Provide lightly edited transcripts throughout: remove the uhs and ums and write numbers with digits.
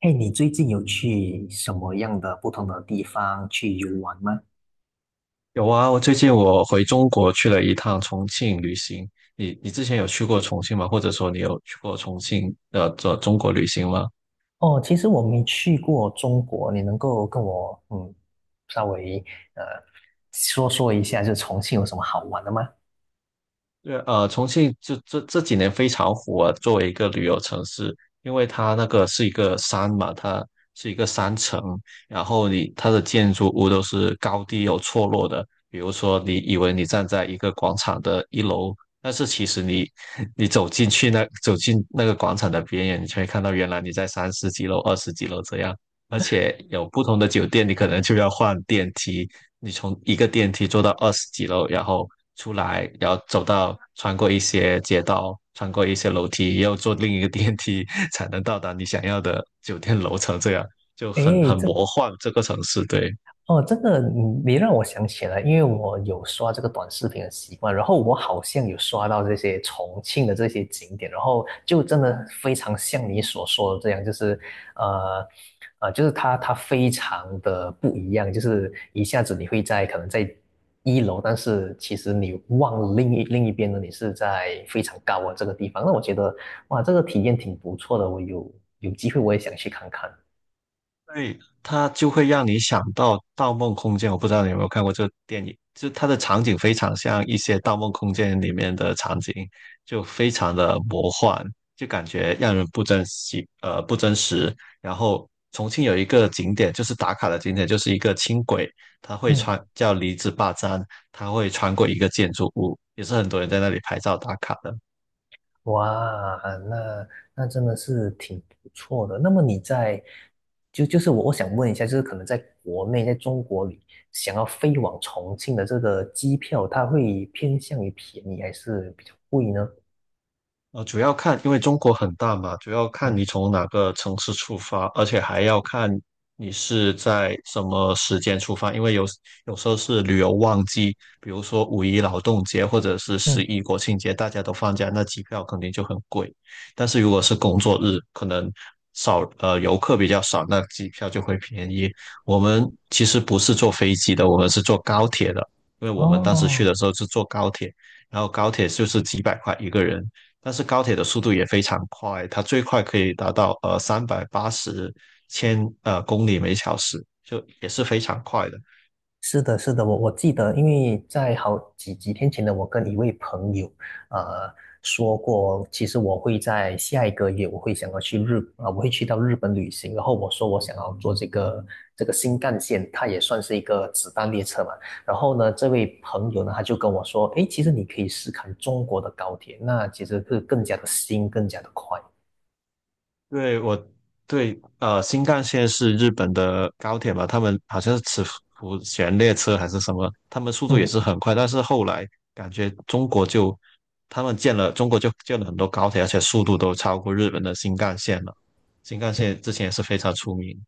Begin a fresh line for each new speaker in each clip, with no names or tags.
哎，你最近有去什么样的不同的地方去游玩吗？
有啊，我最近回中国去了一趟重庆旅行。你之前有去过重庆吗？或者说你有去过重庆的这中国旅行吗？
哦，其实我没去过中国，你能够跟我嗯稍微呃说说一下，就重庆有什么好玩的吗？
对，重庆就这几年非常火，作为一个旅游城市，因为它那个是一个山嘛，它是一个山城。然后它的建筑物都是高低有错落的。比如说，你以为你站在一个广场的一楼，但是其实你 你走进那个广场的边缘，你就会看到原来你在三十几楼、二十几楼这样，而且有不同的酒店，你可能就要换电梯，你从一个电梯坐到二十几楼，然后出来，然后穿过一些街道，穿过一些楼梯，又坐另一个电梯 才能到达你想要的酒店楼层，这样就很
诶，
很
这
魔幻这个城市，对。
哦，这个你让我想起来，因为我有刷这个短视频的习惯，然后我好像有刷到这些重庆的这些景点，然后就真的非常像你所说的这样，就是呃就是它非常的不一样，就是一下子你会在可能在一楼，但是其实你望了另一边呢，你是在非常高的这个地方，那我觉得哇，这个体验挺不错的，我有机会我也想去看看。
对，它就会让你想到《盗梦空间》。我不知道你有没有看过这个电影，就它的场景非常像一些《盗梦空间》里面的场景，就非常的魔幻，就感觉让人不真实，不真实。然后重庆有一个景点，就是打卡的景点，就是一个轻轨，它会
嗯。
穿叫离子坝站，它会穿过一个建筑物，也是很多人在那里拍照打卡的。
哇，那那真的是挺不错的。那么你在就就是我想问一下，就是可能在国内，在中国里，想要飞往重庆的这个机票，它会偏向于便宜还是比较贵呢？
主要看，因为中国很大嘛，主要看
嗯。
你从哪个城市出发，而且还要看你是在什么时间出发，因为有时候是旅游旺季，比如说五一劳动节或者是十
嗯，
一国庆节，大家都放假，那机票肯定就很贵。但是如果是工作日，可能游客比较少，那机票就会便宜。我们其实不是坐飞机的，我们是坐高铁的，因为我们当时去的
哦，
时候是坐高铁。然后高铁就是几百块一个人，但是高铁的速度也非常快，它最快可以达到380公里每小时，就也是非常快的。
是的，是的，我记得，因为在好几天前呢，我跟一位朋友，呃，说过，其实我会在下一个月，我会想要去日，啊、我会去到日本旅行。然后我说我想要坐这个新干线，它也算是一个子弹列车嘛。然后呢，这位朋友呢，他就跟我说，诶，其实你可以试看中国的高铁，那其实是更加的新，更加的快。
对我对。新干线是日本的高铁嘛，他们好像是磁浮悬列车还是什么，他们速度也
嗯。
是很快，但是后来感觉中国就建了很多高铁，而且速度都超过日本的新干线了。新干线之前也是非常出名。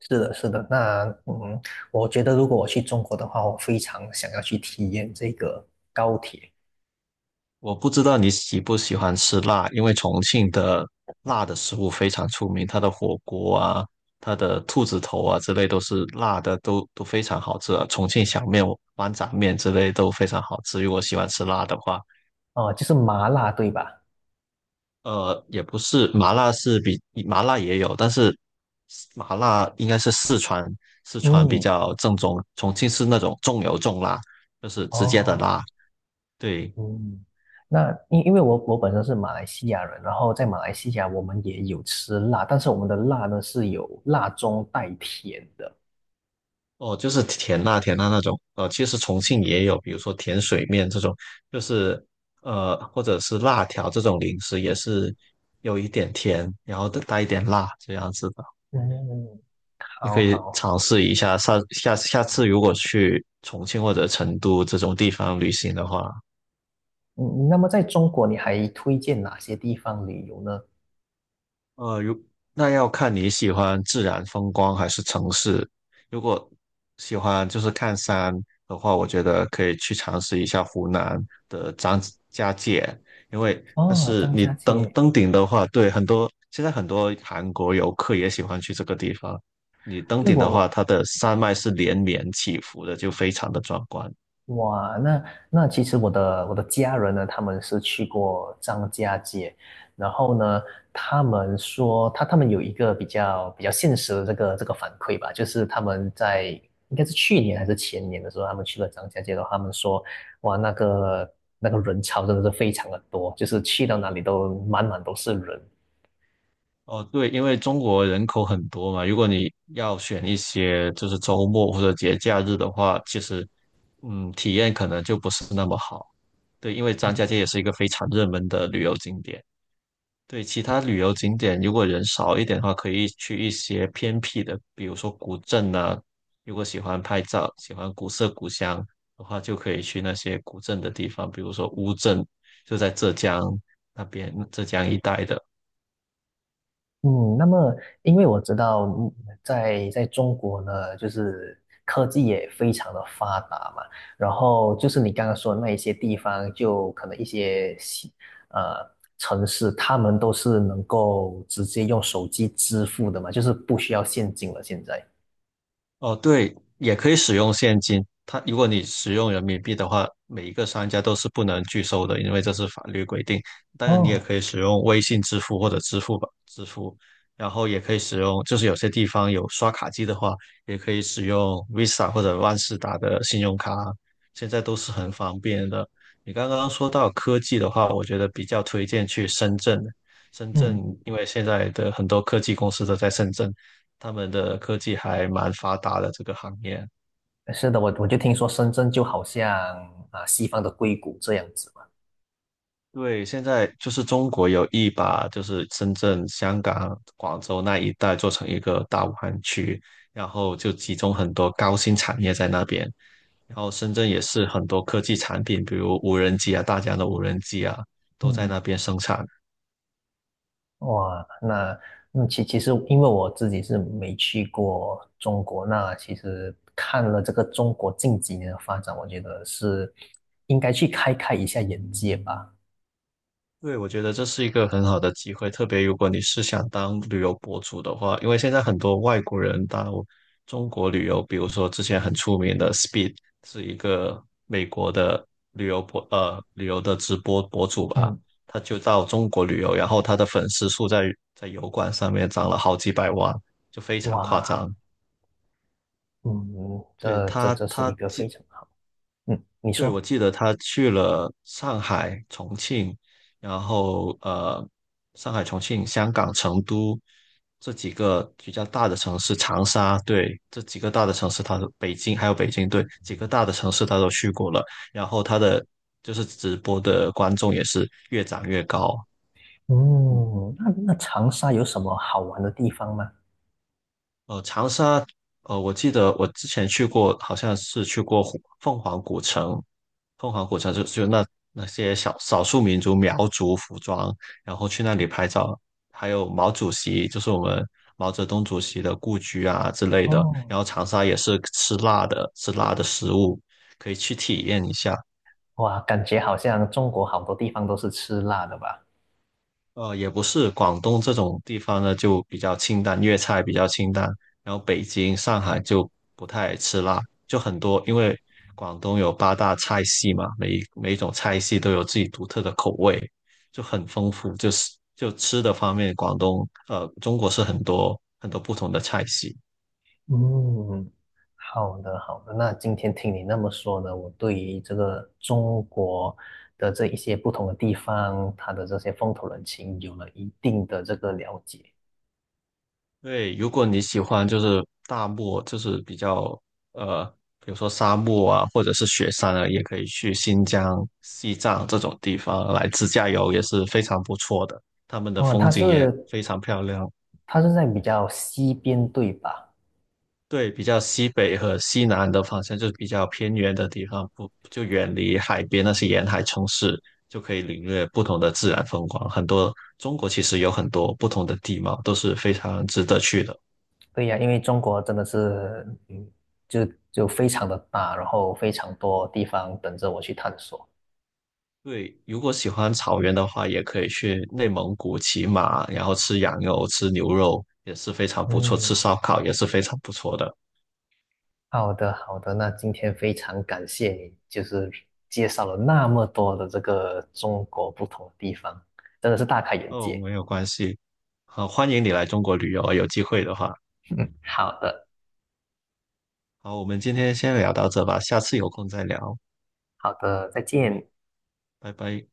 是的，是的，那嗯，我觉得如果我去中国的话，我非常想要去体验这个高铁。
我不知道你喜不喜欢吃辣，因为重庆的辣的食物非常出名，它的火锅啊、它的兔子头啊之类都是辣的，都非常好吃啊。重庆小面、豌杂面之类都非常好吃。如果喜欢吃辣的话，
哦，就是麻辣，对吧？
也不是麻辣是比麻辣也有，但是麻辣应该是四川，比
嗯。
较正宗，重庆是那种重油重辣，就是直接的
哦。
辣。对，
嗯，那因为我本身是马来西亚人，然后在马来西亚我们也有吃辣，但是我们的辣呢是有辣中带甜的。
哦，就是甜辣甜辣那种，其实重庆也有，比如说甜水面这种，就是或者是辣条这种零食，也是有一点甜，然后带一点辣这样子的，
嗯，
你
好
可以
好，
尝试一下。下次如果去重庆或者成都这种地方旅行的话，
嗯，那么在中国你还推荐哪些地方旅游呢？
呃，如那要看你喜欢自然风光还是城市。如果喜欢就是看山的话，我觉得可以去尝试一下湖南的张家界，但
哦，
是
张
你
家
登
界，
登顶的话，对很多现在很多韩国游客也喜欢去这个地方。你登
对
顶的话，
我。
它的山脉是连绵起伏的，就非常的壮观。
哇，那那其实我的家人呢，他们是去过张家界，然后呢，他们说他们有一个比较现实的这个反馈吧，就是他们在应该是去年还是前年的时候，他们去了张家界的话，他们说哇，那个人潮真的是非常的多，就是去到哪里都满满都是人。
哦，对，因为中国人口很多嘛，如果你要选一些就是周末或者节假日的话，其实，体验可能就不是那么好。对，因为张家界也是一个非常热门的旅游景点。对，其他旅游景点如果人少一点的话，可以去一些偏僻的，比如说古镇啊。如果喜欢拍照、喜欢古色古香的话，就可以去那些古镇的地方，比如说乌镇，就在浙江那边，浙江一带的。
嗯，那么因为我知道嗯在在中国呢，就是科技也非常的发达嘛，然后就是你刚刚说的那一些地方，就可能一些呃城市，他们都是能够直接用手机支付的嘛，就是不需要现金了。现在，
哦，对，也可以使用现金。它如果你使用人民币的话，每一个商家都是不能拒收的，因为这是法律规定。当然，你也
哦，
可以使用微信支付或者支付宝支付，然后也可以使用，就是有些地方有刷卡机的话，也可以使用 Visa 或者万事达的信用卡，现在都是很方便的。你刚刚说到科技的话，我觉得比较推荐去深圳。深圳
嗯。
因为现在的很多科技公司都在深圳，他们的科技还蛮发达的这个行业。
是的，我就听说深圳就好像啊西方的硅谷这样子嘛。
对，现在就是中国有意把就是深圳、香港、广州那一带做成一个大武汉区，然后就集中很多高新产业在那边。然后深圳也是很多科技产品，比如无人机啊，大疆的无人机啊，都在
嗯。
那边生产。
哇，那嗯，其实因为我自己是没去过中国，那其实看了这个中国近几年的发展，我觉得是应该去开一下眼界吧。
对，我觉得这是一个很好的机会，特别如果你是想当旅游博主的话，因为现在很多外国人到中国旅游，比如说之前很出名的 Speed 是一个美国的旅游的直播博主吧，
嗯，
他就到中国旅游，然后他的粉丝数在油管上面涨了好几百万，就非常夸
哇，
张。
嗯，
对，
这这这是一个非常好。嗯，你
对，我
说，
记得他去了上海、重庆，然后上海、重庆、香港、成都这几个比较大的城市，长沙，对，这几个大的城市他都，北京还有北京，对，几个大的城市他都去过了。然后他的就是直播的观众也是越涨越高，嗯。
嗯，那那长沙有什么好玩的地方吗？
长沙，我记得我之前去过，好像是去过凤凰古城。凤凰古城就那些小少数民族苗族服装，然后去那里拍照，还有毛主席，就是我们毛泽东主席的故居啊之类的。
哦，
然后长沙也是吃辣的，吃辣的食物，可以去体验一下。
哇，感觉好像中国好多地方都是吃辣的吧？
也不是，广东这种地方呢就比较清淡，粤菜比较清淡，然后北京、上海就不太吃辣，就很多，因为广东有八大菜系嘛，每一种菜系都有自己独特的口味，就很丰富，就是吃的方面，中国是很多很多不同的菜系。
嗯，好的好的。那今天听你那么说呢，我对于这个中国的这一些不同的地方，它的这些风土人情有了一定的这个了解。
对，如果你喜欢就是大漠，就是比较呃，比如说沙漠啊，或者是雪山啊，也可以去新疆、西藏这种地方来自驾游，也是非常不错的。他们的
哦，
风景也非常漂亮。
它是在比较西边对吧？
对，比较西北和西南的方向，就是比较偏远的地方，不就远离海边那些沿海城市，就可以领略不同的自然风光。中国其实有很多不同的地貌，都是非常值得去的。
对呀，因为中国真的是，嗯，就就非常的大，然后非常多地方等着我去探索。
对，如果喜欢草原的话，也可以去内蒙古骑马，然后吃羊肉、吃牛肉也是非常不错，吃
嗯，
烧烤也是非常不错的。
好的，好的，那今天非常感谢你，就是介绍了那么多的这个中国不同的地方，真的是大开眼
哦，
界。
没有关系，好，欢迎你来中国旅游，有机会的话。
嗯，好的，
好，我们今天先聊到这吧，下次有空再聊，
好的，再见。
拜拜。